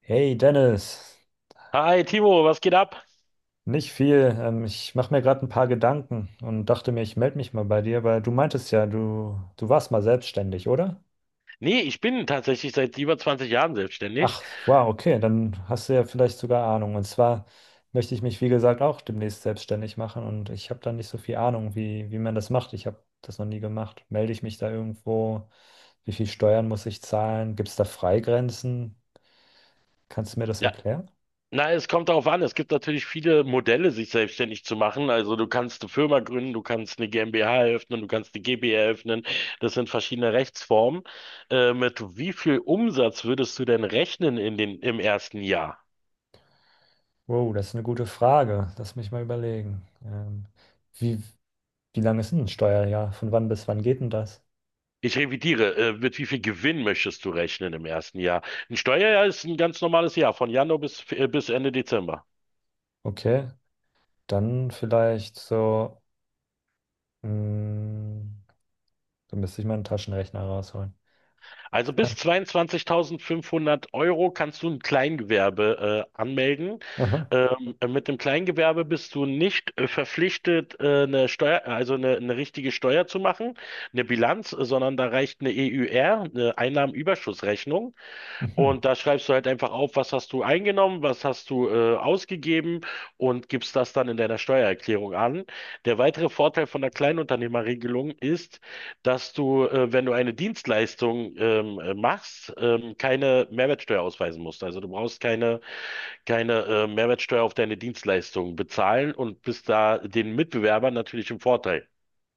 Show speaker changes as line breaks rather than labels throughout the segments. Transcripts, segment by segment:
Hey Dennis,
Hi Timo, was geht ab?
nicht viel. Ich mache mir gerade ein paar Gedanken und dachte mir, ich melde mich mal bei dir, weil du meintest ja, du warst mal selbstständig, oder?
Nee, ich bin tatsächlich seit über 20 Jahren selbstständig.
Ach, wow, okay, dann hast du ja vielleicht sogar Ahnung. Und zwar möchte ich mich, wie gesagt, auch demnächst selbstständig machen und ich habe da nicht so viel Ahnung, wie man das macht. Ich habe das noch nie gemacht. Melde ich mich da irgendwo? Wie viel Steuern muss ich zahlen? Gibt es da Freigrenzen? Kannst du mir das
Ja,
erklären?
na, es kommt darauf an. Es gibt natürlich viele Modelle, sich selbstständig zu machen. Also du kannst eine Firma gründen, du kannst eine GmbH eröffnen, du kannst eine GbR eröffnen. Das sind verschiedene Rechtsformen. Mit wie viel Umsatz würdest du denn rechnen im ersten Jahr?
Wow, das ist eine gute Frage. Lass mich mal überlegen. Wie, wie lange ist denn ein Steuerjahr? Von wann bis wann geht denn das?
Ich revidiere, mit wie viel Gewinn möchtest du rechnen im ersten Jahr? Ein Steuerjahr ist ein ganz normales Jahr, von Januar bis Ende Dezember.
Okay, dann vielleicht so, mh, da müsste ich meinen Taschenrechner rausholen.
Also bis
So.
22.500 Euro kannst du ein Kleingewerbe anmelden.
Aha.
Mit dem Kleingewerbe bist du nicht verpflichtet, eine Steuer, also eine richtige Steuer zu machen, eine Bilanz, sondern da reicht eine EÜR, eine Einnahmenüberschussrechnung.
Mhm.
Und da schreibst du halt einfach auf, was hast du eingenommen, was hast du ausgegeben und gibst das dann in deiner Steuererklärung an. Der weitere Vorteil von der Kleinunternehmerregelung ist, dass du, wenn du eine Dienstleistung machst, keine Mehrwertsteuer ausweisen musst. Also du brauchst keine Mehrwertsteuer auf deine Dienstleistung bezahlen und bist da den Mitbewerbern natürlich im Vorteil.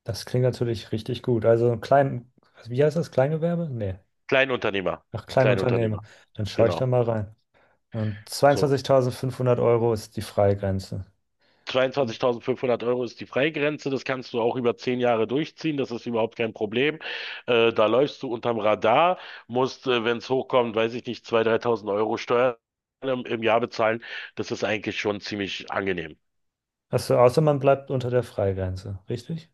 Das klingt natürlich richtig gut. Also klein, wie heißt das? Kleingewerbe? Nee,
Kleinunternehmer,
ach, Kleinunternehmer.
Kleinunternehmer,
Dann schaue ich da
genau.
mal rein. Und
So.
22.500 Euro ist die Freigrenze.
22.500 Euro ist die Freigrenze, das kannst du auch über 10 Jahre durchziehen, das ist überhaupt kein Problem. Da läufst du unterm Radar, musst, wenn es hochkommt, weiß ich nicht, 2.000, 3.000 Euro Steuern im Jahr bezahlen. Das ist eigentlich schon ziemlich angenehm.
Achso, außer man bleibt unter der Freigrenze, richtig?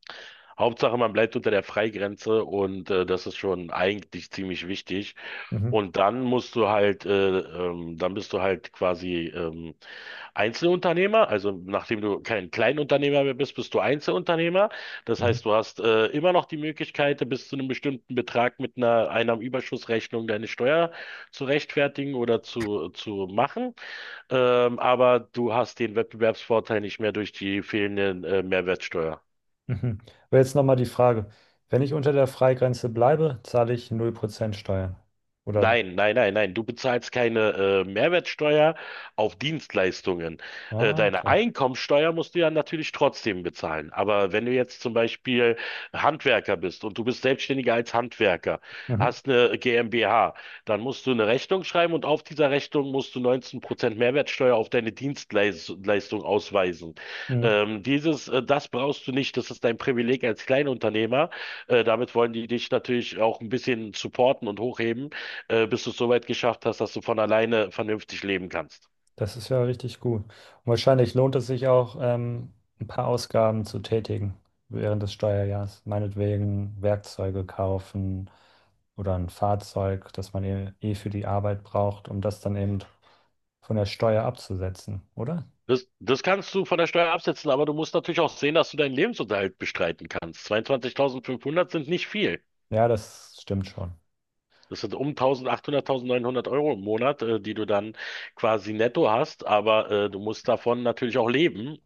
Hauptsache, man bleibt unter der Freigrenze und das ist schon eigentlich ziemlich wichtig.
Mhm.
Dann bist du halt quasi Einzelunternehmer. Also nachdem du kein Kleinunternehmer mehr bist, bist du Einzelunternehmer. Das
Mhm.
heißt, du hast immer noch die Möglichkeit, bis zu einem bestimmten Betrag mit einer Einnahmenüberschussrechnung deine Steuer zu rechtfertigen oder zu machen. Aber du hast den Wettbewerbsvorteil nicht mehr durch die fehlenden Mehrwertsteuer.
Mhm. Aber jetzt nochmal die Frage. Wenn ich unter der Freigrenze bleibe, zahle ich 0% Steuern. Oder?
Nein, nein, nein, nein. Du bezahlst keine Mehrwertsteuer auf Dienstleistungen.
Ah,
Deine
okay.
Einkommensteuer musst du ja natürlich trotzdem bezahlen. Aber wenn du jetzt zum Beispiel Handwerker bist und du bist Selbstständiger als Handwerker,
Mhm.
hast eine GmbH, dann musst du eine Rechnung schreiben und auf dieser Rechnung musst du 19% Mehrwertsteuer auf deine Dienstleistung ausweisen.
Mhm.
Das brauchst du nicht. Das ist dein Privileg als Kleinunternehmer. Damit wollen die dich natürlich auch ein bisschen supporten und hochheben bis du es so weit geschafft hast, dass du von alleine vernünftig leben kannst.
Das ist ja richtig gut. Und wahrscheinlich lohnt es sich auch, ein paar Ausgaben zu tätigen während des Steuerjahres. Meinetwegen Werkzeuge kaufen oder ein Fahrzeug, das man eh für die Arbeit braucht, um das dann eben von der Steuer abzusetzen, oder?
Das kannst du von der Steuer absetzen, aber du musst natürlich auch sehen, dass du deinen Lebensunterhalt bestreiten kannst. 22.500 sind nicht viel.
Ja, das stimmt schon.
Das sind um 1.800, 1.900 Euro im Monat, die du dann quasi netto hast, aber du musst davon natürlich auch leben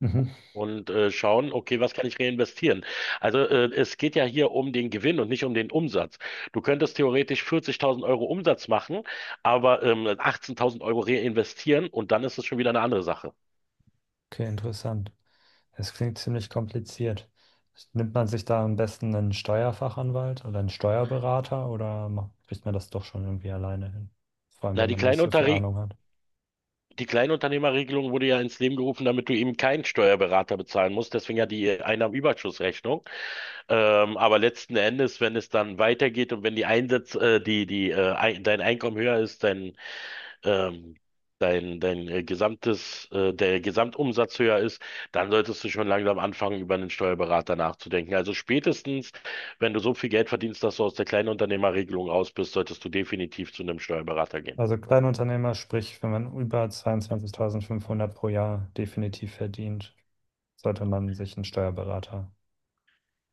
Mhm.
und schauen, okay, was kann ich reinvestieren? Also es geht ja hier um den Gewinn und nicht um den Umsatz. Du könntest theoretisch 40.000 Euro Umsatz machen, aber 18.000 Euro reinvestieren und dann ist es schon wieder eine andere Sache.
Okay, interessant. Es klingt ziemlich kompliziert. Nimmt man sich da am besten einen Steuerfachanwalt oder einen Steuerberater oder kriegt man das doch schon irgendwie alleine hin? Vor allem,
Na,
wenn
die
man nicht so viel
Kleinunterre
Ahnung hat.
die Kleinunternehmerregelung wurde ja ins Leben gerufen, damit du eben keinen Steuerberater bezahlen musst. Deswegen ja die Einnahmenüberschussrechnung. Aber letzten Endes, wenn es dann weitergeht und wenn die Einsätze dein Einkommen höher ist, ähm, der Gesamtumsatz höher ist, dann solltest du schon langsam anfangen, über einen Steuerberater nachzudenken. Also spätestens, wenn du so viel Geld verdienst, dass du aus der Kleinunternehmerregelung raus bist, solltest du definitiv zu einem Steuerberater gehen.
Also Kleinunternehmer, sprich, wenn man über 22.500 pro Jahr definitiv verdient, sollte man sich einen Steuerberater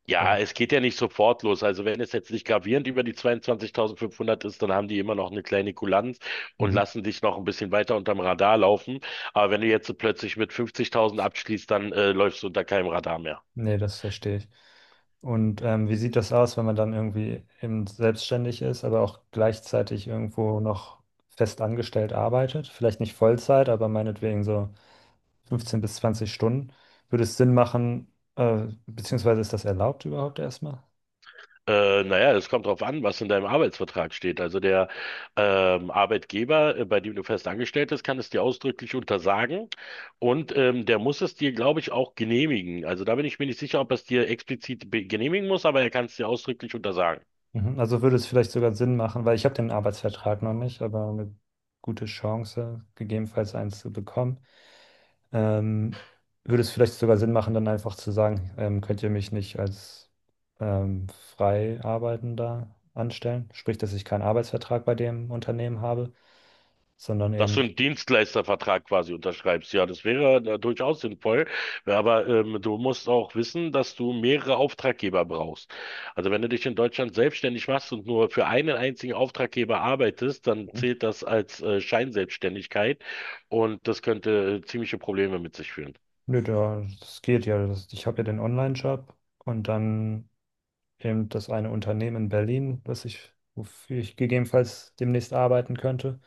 Ja,
holen.
es geht ja nicht sofort los. Also wenn es jetzt nicht gravierend über die 22.500 ist, dann haben die immer noch eine kleine Kulanz und
Mhm.
lassen dich noch ein bisschen weiter unterm Radar laufen. Aber wenn du jetzt so plötzlich mit 50.000 abschließt, dann läufst du unter keinem Radar mehr.
Nee, das verstehe ich. Und wie sieht das aus, wenn man dann irgendwie eben selbstständig ist, aber auch gleichzeitig irgendwo noch fest angestellt arbeitet? Vielleicht nicht Vollzeit, aber meinetwegen so 15 bis 20 Stunden. Würde es Sinn machen, beziehungsweise ist das erlaubt überhaupt erstmal?
Naja, es kommt drauf an, was in deinem Arbeitsvertrag steht. Also der Arbeitgeber, bei dem du fest angestellt bist, kann es dir ausdrücklich untersagen und der muss es dir, glaube ich, auch genehmigen. Also da bin ich mir nicht sicher, ob er es dir explizit genehmigen muss, aber er kann es dir ausdrücklich untersagen.
Mhm. Also würde es vielleicht sogar Sinn machen, weil ich habe den Arbeitsvertrag noch nicht, aber eine gute Chance, gegebenenfalls eins zu bekommen. Ähm, würde es vielleicht sogar Sinn machen, dann einfach zu sagen, könnt ihr mich nicht als ähm, Freiarbeitender anstellen? Sprich, dass ich keinen Arbeitsvertrag bei dem Unternehmen habe, sondern
Dass du
eben,
einen Dienstleistervertrag quasi unterschreibst, ja, das wäre durchaus sinnvoll. Ja, aber du musst auch wissen, dass du mehrere Auftraggeber brauchst. Also wenn du dich in Deutschland selbstständig machst und nur für einen einzigen Auftraggeber arbeitest, dann zählt das als Scheinselbstständigkeit und das könnte ziemliche Probleme mit sich führen.
nö, da, das geht ja. Das, ich habe ja den Online-Job und dann eben das eine Unternehmen in Berlin, das ich, wofür ich gegebenenfalls demnächst arbeiten könnte.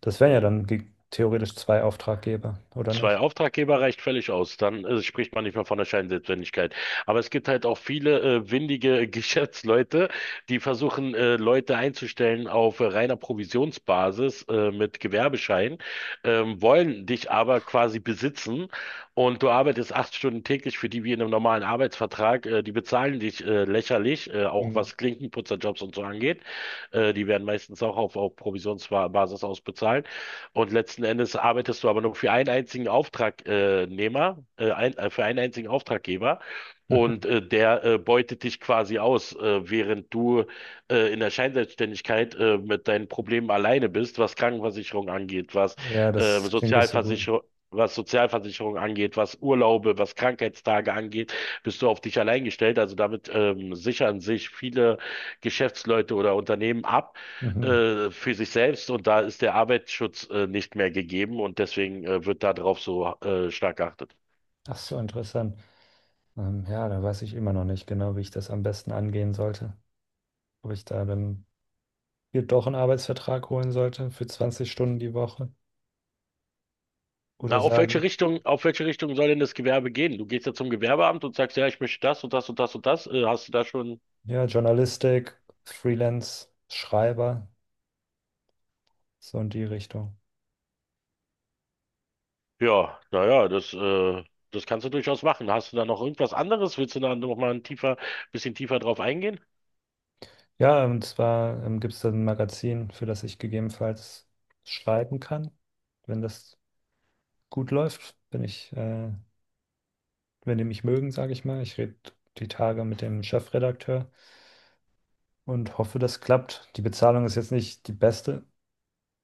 Das wären ja
Mhm.
dann theoretisch zwei Auftraggeber, oder
Zwei
nicht?
Auftraggeber reicht völlig aus. Dann spricht man nicht mehr von der Scheinselbstständigkeit. Aber es gibt halt auch viele windige Geschäftsleute, die versuchen, Leute einzustellen auf reiner Provisionsbasis mit Gewerbeschein, wollen dich aber quasi besitzen und du arbeitest 8 Stunden täglich für die wie in einem normalen Arbeitsvertrag. Die bezahlen dich lächerlich, auch
Mhm.
was Klinkenputzerjobs und so angeht. Die werden meistens auch auf Provisionsbasis ausbezahlt. Und letzten Endes arbeitest du aber nur für einen einzigen Auftragnehmer, für einen einzigen Auftraggeber.
Mhm.
Der beutet dich quasi aus, während du in der Scheinselbstständigkeit mit deinen Problemen alleine bist, was Krankenversicherung angeht,
Ja,
äh,
das klingt nicht so gut.
Sozialversicherung, was Sozialversicherung angeht, was Urlaube, was Krankheitstage angeht, bist du auf dich allein gestellt. Also damit sichern sich viele Geschäftsleute oder Unternehmen ab
Mhm.
für sich selbst und da ist der Arbeitsschutz nicht mehr gegeben und deswegen wird darauf so stark geachtet.
Ach so, interessant. Ja, da weiß ich immer noch nicht genau, wie ich das am besten angehen sollte. Ob ich da dann mir doch einen Arbeitsvertrag holen sollte für 20 Stunden die Woche
Na,
oder
auf welche
sage,
Richtung, auf welche Richtung soll denn das Gewerbe gehen? Du gehst ja zum Gewerbeamt und sagst, ja, ich möchte das und das und das und das. Hast du da schon?
ja, Journalistik, Freelance, Schreiber, so in die Richtung.
Ja, naja, das kannst du durchaus machen. Hast du da noch irgendwas anderes? Willst du da noch mal bisschen tiefer drauf eingehen?
Ja, und zwar gibt es da ein Magazin, für das ich gegebenenfalls schreiben kann, wenn das gut läuft, wenn wenn die mich mögen, sage ich mal. Ich rede die Tage mit dem Chefredakteur und hoffe, das klappt. Die Bezahlung ist jetzt nicht die beste,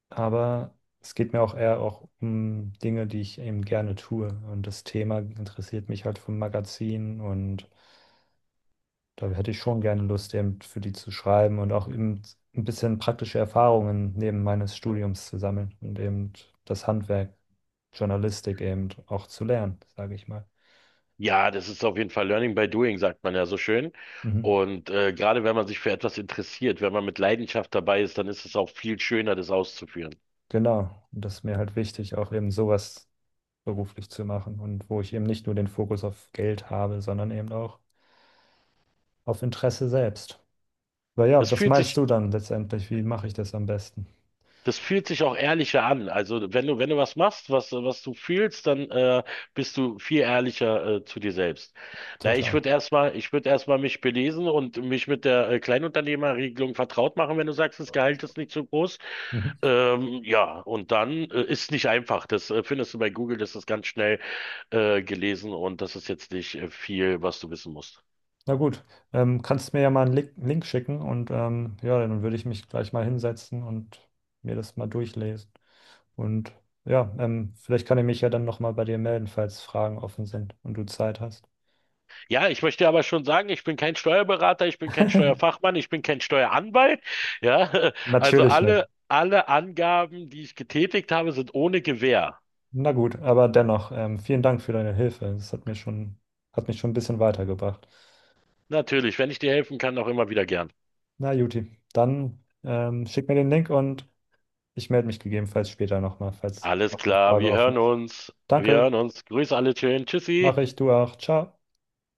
aber es geht mir auch eher auch um Dinge, die ich eben gerne tue. Und das Thema interessiert mich halt vom Magazin und da hätte ich schon gerne Lust, eben für die zu schreiben und auch eben ein bisschen praktische Erfahrungen neben meines Studiums zu sammeln und eben das Handwerk, Journalistik eben auch zu lernen, sage ich mal.
Ja, das ist auf jeden Fall Learning by Doing, sagt man ja so schön.
Mhm.
Und gerade wenn man sich für etwas interessiert, wenn man mit Leidenschaft dabei ist, dann ist es auch viel schöner, das auszuführen.
Genau. Und das ist mir halt wichtig, auch eben sowas beruflich zu machen und wo ich eben nicht nur den Fokus auf Geld habe, sondern eben auch auf Interesse selbst. Aber ja,
Das
was
fühlt
meinst
sich,
du dann letztendlich? Wie mache ich das am besten?
das fühlt sich auch ehrlicher an. Also wenn du was machst, was du fühlst, dann bist du viel ehrlicher zu dir selbst. Na, ich
Total.
würde erstmal, ich würde erstmal mich belesen und mich mit der Kleinunternehmerregelung vertraut machen, wenn du sagst, das Gehalt ist nicht so groß.
Mhm.
Ja, und dann ist nicht einfach. Das findest du bei Google, das ist ganz schnell gelesen und das ist jetzt nicht viel, was du wissen musst.
Na gut, kannst mir ja mal einen Link schicken und ja, dann würde ich mich gleich mal hinsetzen und mir das mal durchlesen. Und ja, vielleicht kann ich mich ja dann nochmal bei dir melden, falls Fragen offen sind und du Zeit hast.
Ja, ich möchte aber schon sagen, ich bin kein Steuerberater, ich bin kein Steuerfachmann, ich bin kein Steueranwalt. Ja, also
Natürlich nicht.
alle Angaben, die ich getätigt habe, sind ohne Gewähr.
Na gut, aber dennoch, vielen Dank für deine Hilfe. Das hat mir schon, hat mich schon ein bisschen weitergebracht.
Natürlich, wenn ich dir helfen kann, auch immer wieder gern.
Na, Juti, dann schick mir den Link und ich melde mich gegebenenfalls später nochmal, falls
Alles
noch eine
klar,
Frage
wir
offen
hören
ist.
uns. Wir
Danke,
hören uns. Grüß alle schön. Tschüssi.
mache ich, du auch. Ciao.